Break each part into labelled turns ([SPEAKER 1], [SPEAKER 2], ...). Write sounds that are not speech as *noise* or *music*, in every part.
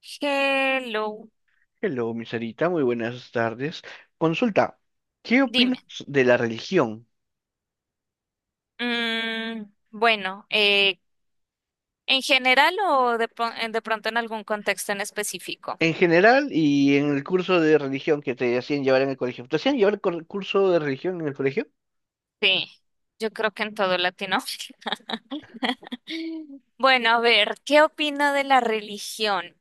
[SPEAKER 1] Hello,
[SPEAKER 2] Hello, mi Sarita, muy buenas tardes. Consulta, ¿qué opinas
[SPEAKER 1] dime.
[SPEAKER 2] de la religión
[SPEAKER 1] Mm, bueno, ¿en general o de, de pronto en algún contexto en específico?
[SPEAKER 2] en general y en el curso de religión que te hacían llevar en el colegio? ¿Te hacían llevar curso de religión en el colegio?
[SPEAKER 1] Sí, yo creo que en todo latino. *laughs* Bueno, a ver, ¿qué opina de la religión?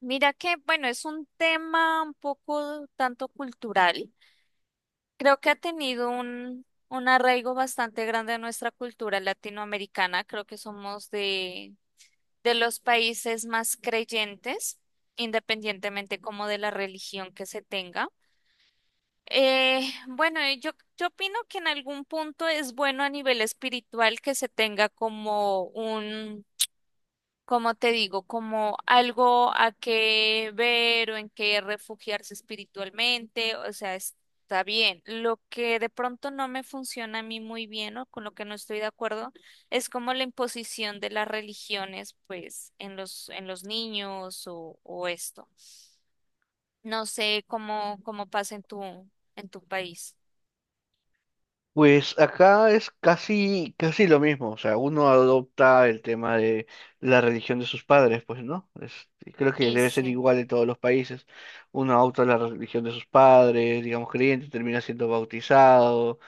[SPEAKER 1] Mira que, bueno, es un tema un poco tanto cultural. Creo que ha tenido un arraigo bastante grande en nuestra cultura latinoamericana. Creo que somos de los países más creyentes, independientemente como de la religión que se tenga. Bueno, y yo opino que en algún punto es bueno a nivel espiritual que se tenga como un como te digo, como algo a qué ver o en qué refugiarse espiritualmente, o sea, está bien. Lo que de pronto no me funciona a mí muy bien o con lo que no estoy de acuerdo es como la imposición de las religiones, pues, en los niños o esto. No sé cómo, cómo pasa en en tu país.
[SPEAKER 2] Pues acá es casi, casi lo mismo, o sea, uno adopta el tema de la religión de sus padres, pues, ¿no? Creo que
[SPEAKER 1] Y
[SPEAKER 2] debe ser
[SPEAKER 1] sí.
[SPEAKER 2] igual en todos los países. Uno adopta la religión de sus padres, digamos creyente, termina siendo bautizado,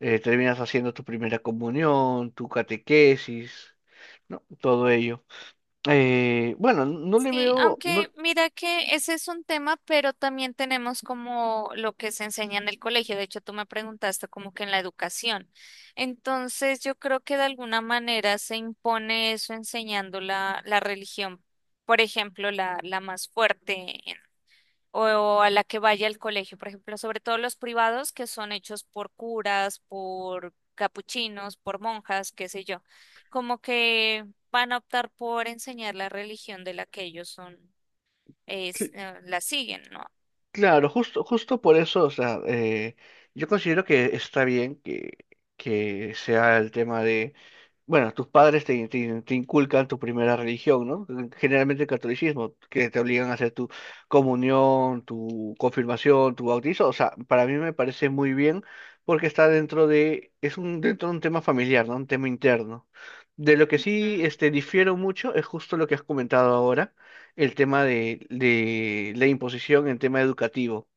[SPEAKER 2] terminas haciendo tu primera comunión, tu catequesis, ¿no? Todo ello. Bueno, no le
[SPEAKER 1] Sí,
[SPEAKER 2] veo,
[SPEAKER 1] aunque
[SPEAKER 2] no,
[SPEAKER 1] mira que ese es un tema, pero también tenemos como lo que se enseña en el colegio. De hecho, tú me preguntaste como que en la educación. Entonces, yo creo que de alguna manera se impone eso enseñando la religión, por ejemplo, la más fuerte o a la que vaya al colegio, por ejemplo, sobre todo los privados que son hechos por curas, por capuchinos, por monjas, qué sé yo, como que van a optar por enseñar la religión de la que ellos son, es,
[SPEAKER 2] sí.
[SPEAKER 1] la siguen, ¿no?
[SPEAKER 2] Claro, justo por eso, o sea, yo considero que está bien que sea el tema de, bueno, tus padres te inculcan tu primera religión, ¿no? Generalmente el catolicismo, que te obligan a hacer tu comunión, tu confirmación, tu bautizo, o sea, para mí me parece muy bien porque está dentro de, es un, dentro de un tema familiar, ¿no? Un tema interno. De lo que sí,
[SPEAKER 1] Ujú.
[SPEAKER 2] este, difiero mucho es justo lo que has comentado ahora, el tema de la imposición en tema educativo.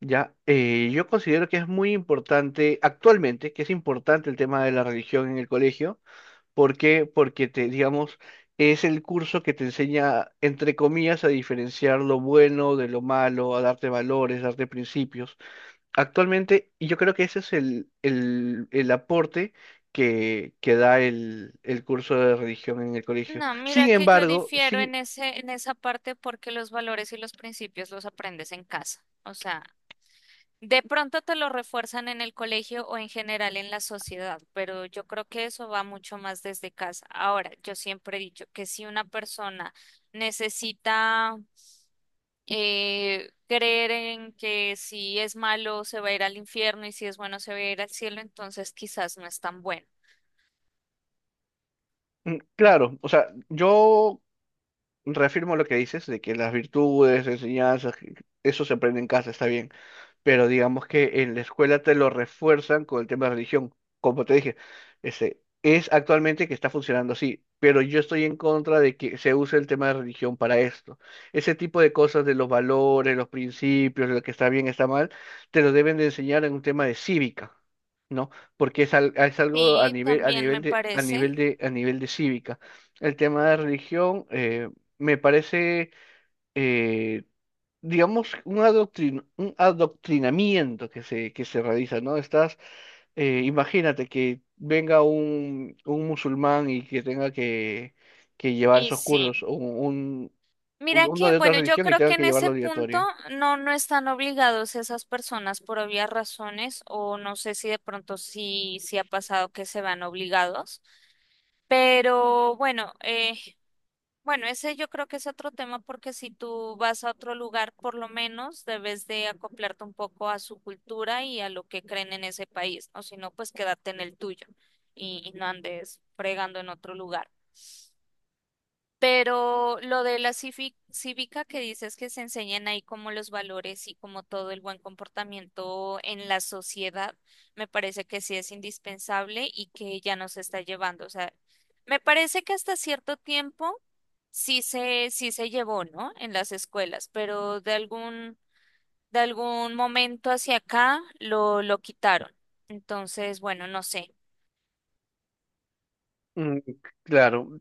[SPEAKER 2] Ya. Yo considero que es muy importante actualmente, que es importante el tema de la religión en el colegio, porque te digamos es el curso que te enseña entre comillas a diferenciar lo bueno de lo malo, a darte valores, darte principios. Actualmente, y yo creo que ese es el aporte que da el curso de religión en el colegio.
[SPEAKER 1] No,
[SPEAKER 2] Sin
[SPEAKER 1] mira que yo
[SPEAKER 2] embargo,
[SPEAKER 1] difiero
[SPEAKER 2] sin.
[SPEAKER 1] en en esa parte porque los valores y los principios los aprendes en casa. O sea, de pronto te lo refuerzan en el colegio o en general en la sociedad, pero yo creo que eso va mucho más desde casa. Ahora, yo siempre he dicho que si una persona necesita creer en que si es malo se va a ir al infierno y si es bueno se va a ir al cielo, entonces quizás no es tan bueno.
[SPEAKER 2] Mm, claro, o sea, yo reafirmo lo que dices de que las virtudes, enseñanzas, que eso se aprende en casa, está bien, pero digamos que en la escuela te lo refuerzan con el tema de religión. Como te dije, este, es actualmente que está funcionando así, pero yo estoy en contra de que se use el tema de religión para esto. Ese tipo de cosas de los valores, los principios, lo que está bien, está mal, te lo deben de enseñar en un tema de cívica. ¿No? Porque es, es algo a
[SPEAKER 1] Sí,
[SPEAKER 2] nivel, a
[SPEAKER 1] también
[SPEAKER 2] nivel
[SPEAKER 1] me
[SPEAKER 2] a nivel
[SPEAKER 1] parece.
[SPEAKER 2] a nivel de cívica. El tema de religión, me parece, eh, digamos, un un adoctrinamiento que se realiza, ¿no? Estás, imagínate que venga un musulmán y que tenga que llevar
[SPEAKER 1] Y
[SPEAKER 2] esos
[SPEAKER 1] sí.
[SPEAKER 2] cursos, o un,
[SPEAKER 1] Mira
[SPEAKER 2] uno
[SPEAKER 1] que,
[SPEAKER 2] de otra
[SPEAKER 1] bueno, yo
[SPEAKER 2] religión y
[SPEAKER 1] creo
[SPEAKER 2] tenga
[SPEAKER 1] que en
[SPEAKER 2] que
[SPEAKER 1] ese
[SPEAKER 2] llevarlo
[SPEAKER 1] punto
[SPEAKER 2] obligatorio.
[SPEAKER 1] no, no están obligados esas personas por obvias razones, o no sé si de pronto sí, sí ha pasado que se van obligados, pero bueno, bueno, ese yo creo que es otro tema porque si tú vas a otro lugar, por lo menos debes de acoplarte un poco a su cultura y a lo que creen en ese país, o si no, pues quédate en el tuyo y no andes fregando en otro lugar. Pero lo de la cívica que dices que se enseñan ahí como los valores y como todo el buen comportamiento en la sociedad, me parece que sí es indispensable y que ya nos está llevando. O sea, me parece que hasta cierto tiempo sí sí se llevó, ¿no? En las escuelas, pero de algún momento hacia acá lo quitaron. Entonces, bueno, no sé.
[SPEAKER 2] Mm, claro.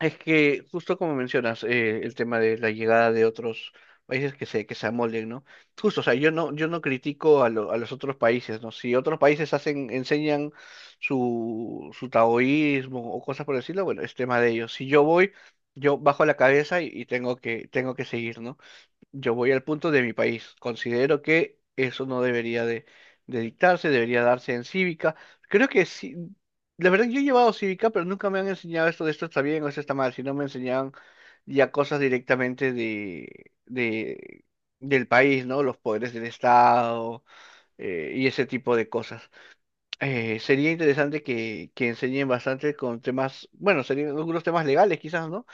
[SPEAKER 2] Es que justo como mencionas, el tema de la llegada de otros países que se amolden, ¿no? Justo, o sea, yo no, yo no critico a, a los otros países, ¿no? Si otros países hacen, enseñan su, su taoísmo o cosas por decirlo, bueno, es tema de ellos. Si yo voy, yo bajo la cabeza y tengo que seguir, ¿no? Yo voy al punto de mi país. Considero que eso no debería de dictarse, debería darse en cívica. Creo que sí. La verdad, yo he llevado cívica, pero nunca me han enseñado esto de esto está bien o esto está mal, sino me enseñaban ya cosas directamente de, del país, ¿no? Los poderes del Estado, y ese tipo de cosas. Sería interesante que enseñen bastante con temas, bueno, serían algunos temas legales quizás, ¿no?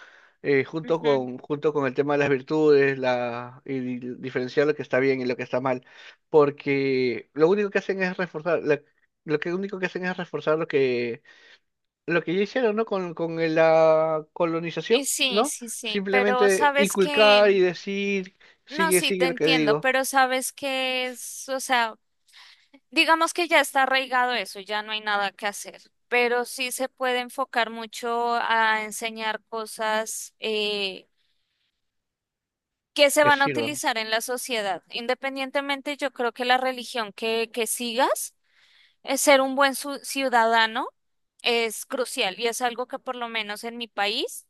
[SPEAKER 1] Ujú.
[SPEAKER 2] Junto con el tema de las virtudes, la, y diferenciar lo que está bien y lo que está mal, porque lo único que hacen es reforzar, lo que único que hacen es reforzar lo que ya hicieron, ¿no? Con la
[SPEAKER 1] Y
[SPEAKER 2] colonización,
[SPEAKER 1] sí,
[SPEAKER 2] ¿no?
[SPEAKER 1] sí, sí, pero
[SPEAKER 2] Simplemente
[SPEAKER 1] sabes
[SPEAKER 2] inculcar y
[SPEAKER 1] que
[SPEAKER 2] decir,
[SPEAKER 1] no,
[SPEAKER 2] sigue,
[SPEAKER 1] sí,
[SPEAKER 2] sigue
[SPEAKER 1] te
[SPEAKER 2] lo que
[SPEAKER 1] entiendo,
[SPEAKER 2] digo,
[SPEAKER 1] pero sabes que es, o sea, digamos que ya está arraigado eso, ya no hay nada que hacer, pero sí se puede enfocar mucho a enseñar cosas que se
[SPEAKER 2] que
[SPEAKER 1] van a
[SPEAKER 2] sirvan.
[SPEAKER 1] utilizar en la sociedad. Independientemente, yo creo que la religión que sigas, ser un ciudadano es crucial y es algo que por lo menos en mi país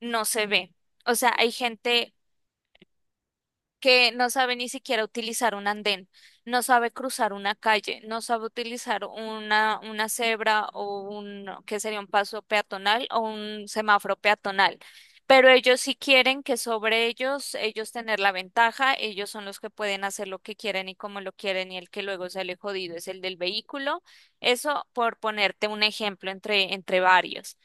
[SPEAKER 1] no se ve. O sea, hay gente que no sabe ni siquiera utilizar un andén, no sabe cruzar una calle, no sabe utilizar una cebra o un, que sería un paso peatonal o un semáforo peatonal. Pero ellos sí quieren que sobre ellos, ellos tener la ventaja, ellos son los que pueden hacer lo que quieren y como lo quieren y el que luego sale jodido es el del vehículo. Eso por ponerte un ejemplo entre, entre varios,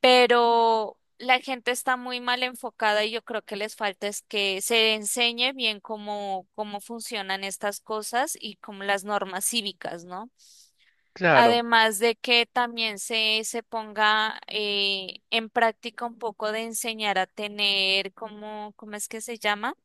[SPEAKER 1] pero la gente está muy mal enfocada y yo creo que les falta es que se enseñe bien cómo, cómo funcionan estas cosas y como las normas cívicas, ¿no?
[SPEAKER 2] Claro.
[SPEAKER 1] Además de que también se ponga en práctica un poco de enseñar a tener, ¿cómo, cómo es que se llama?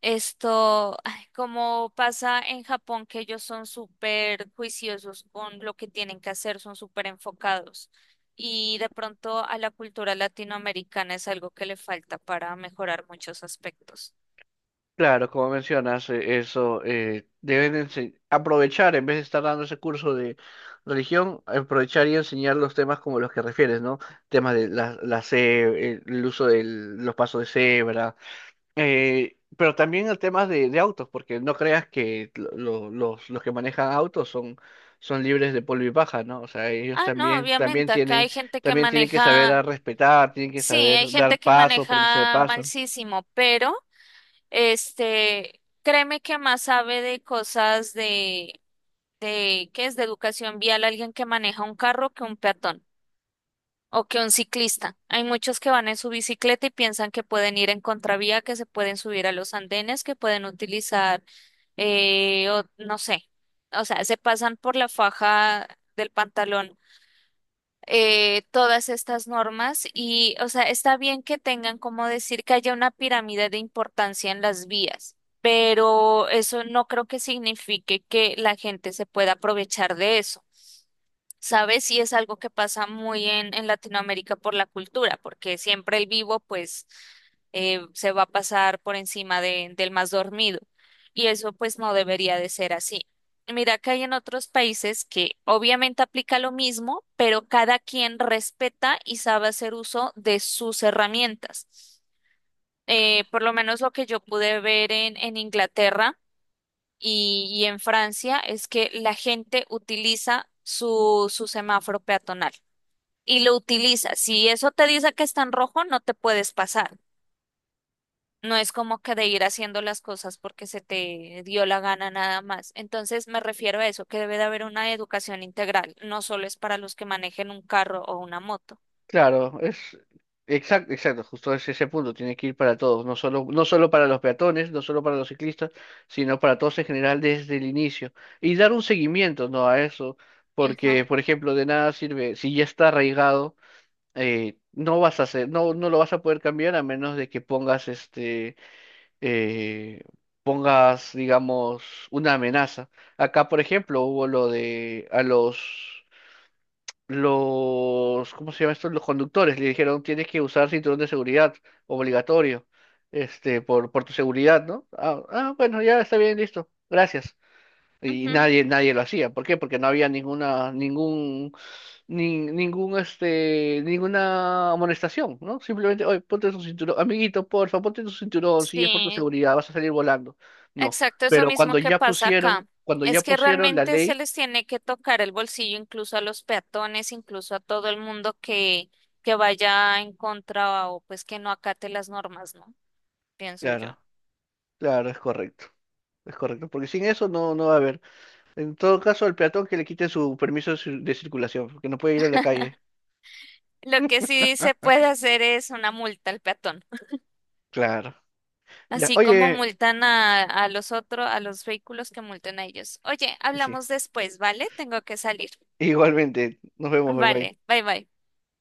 [SPEAKER 1] Esto, ay, como pasa en Japón, que ellos son súper juiciosos con lo que tienen que hacer, son súper enfocados. Y de pronto a la cultura latinoamericana es algo que le falta para mejorar muchos aspectos.
[SPEAKER 2] Claro, como mencionas, eso, deben aprovechar, en vez de estar dando ese curso de religión, aprovechar y enseñar los temas como los que refieres, ¿no? Temas de la el uso de los pasos de cebra, pero también el tema de autos, porque no creas que los que manejan autos son, son libres de polvo y paja, ¿no? O sea, ellos
[SPEAKER 1] Ah, no,
[SPEAKER 2] también,
[SPEAKER 1] obviamente, acá hay gente que
[SPEAKER 2] también tienen que saber a
[SPEAKER 1] maneja,
[SPEAKER 2] respetar, tienen que
[SPEAKER 1] sí,
[SPEAKER 2] saber
[SPEAKER 1] hay
[SPEAKER 2] dar
[SPEAKER 1] gente que
[SPEAKER 2] pasos, permiso de
[SPEAKER 1] maneja
[SPEAKER 2] paso.
[SPEAKER 1] malsísimo, pero este, créeme que más sabe de cosas de, ¿qué es? De educación vial alguien que maneja un carro que un peatón, o que un ciclista. Hay muchos que van en su bicicleta y piensan que pueden ir en contravía, que se pueden subir a los andenes, que pueden utilizar, no sé, o sea, se pasan por la faja del pantalón. Todas estas normas y, o sea, está bien que tengan como decir que haya una pirámide de importancia en las vías, pero eso no creo que signifique que la gente se pueda aprovechar de eso. ¿Sabes? Y es algo que pasa muy en Latinoamérica por la cultura, porque siempre el vivo, pues, se va a pasar por encima del más dormido. Y eso, pues, no debería de ser así. Mira que hay en otros países que obviamente aplica lo mismo, pero cada quien respeta y sabe hacer uso de sus herramientas. Por lo menos lo que yo pude ver en Inglaterra y en Francia es que la gente utiliza su semáforo peatonal y lo utiliza. Si eso te dice que está en rojo, no te puedes pasar. No es como que de ir haciendo las cosas porque se te dio la gana nada más. Entonces me refiero a eso, que debe de haber una educación integral, no solo es para los que manejen un carro o una moto.
[SPEAKER 2] Claro, es exacto, exacto, justo es ese punto, tiene que ir para todos, no solo, no solo para los peatones, no solo para los ciclistas, sino para todos en general desde el inicio. Y dar un seguimiento, ¿no? A eso,
[SPEAKER 1] Ujú,
[SPEAKER 2] porque, por ejemplo, de nada sirve, si ya está arraigado, no vas a hacer, no, no lo vas a poder cambiar a menos de que pongas este, eh, pongas, digamos, una amenaza. Acá, por ejemplo, hubo lo de a los ¿cómo se llama esto? Los conductores le dijeron, tienes que usar cinturón de seguridad, obligatorio, este, por tu seguridad, ¿no? Ah, ah, bueno, ya está bien, listo, gracias. Y
[SPEAKER 1] ujú.
[SPEAKER 2] nadie, nadie lo hacía. ¿Por qué? Porque no había ninguna, ningún, ningún, este, ninguna amonestación, ¿no? Simplemente, oye, ponte tu cinturón, amiguito, porfa, ponte tu cinturón, si es por tu
[SPEAKER 1] Sí,
[SPEAKER 2] seguridad, vas a salir volando. No,
[SPEAKER 1] exacto, es lo
[SPEAKER 2] pero
[SPEAKER 1] mismo que pasa acá.
[SPEAKER 2] cuando ya
[SPEAKER 1] Es que
[SPEAKER 2] pusieron la
[SPEAKER 1] realmente se
[SPEAKER 2] ley,
[SPEAKER 1] les tiene que tocar el bolsillo incluso a los peatones, incluso a todo el mundo que vaya en contra o pues que no acate las normas, ¿no? Pienso yo.
[SPEAKER 2] claro, claro, es correcto. Es correcto, porque sin eso no, no va a haber. En todo caso, al peatón que le quiten su permiso de de circulación, porque no puede ir a la calle.
[SPEAKER 1] Lo que sí se puede
[SPEAKER 2] *laughs*
[SPEAKER 1] hacer es una multa al peatón,
[SPEAKER 2] Claro. Ya,
[SPEAKER 1] así como
[SPEAKER 2] oye,
[SPEAKER 1] multan a los otros, a los vehículos que multen a ellos. Oye,
[SPEAKER 2] sí,
[SPEAKER 1] hablamos después, ¿vale? Tengo que salir.
[SPEAKER 2] igualmente, nos vemos, bye bye.
[SPEAKER 1] Vale, bye bye.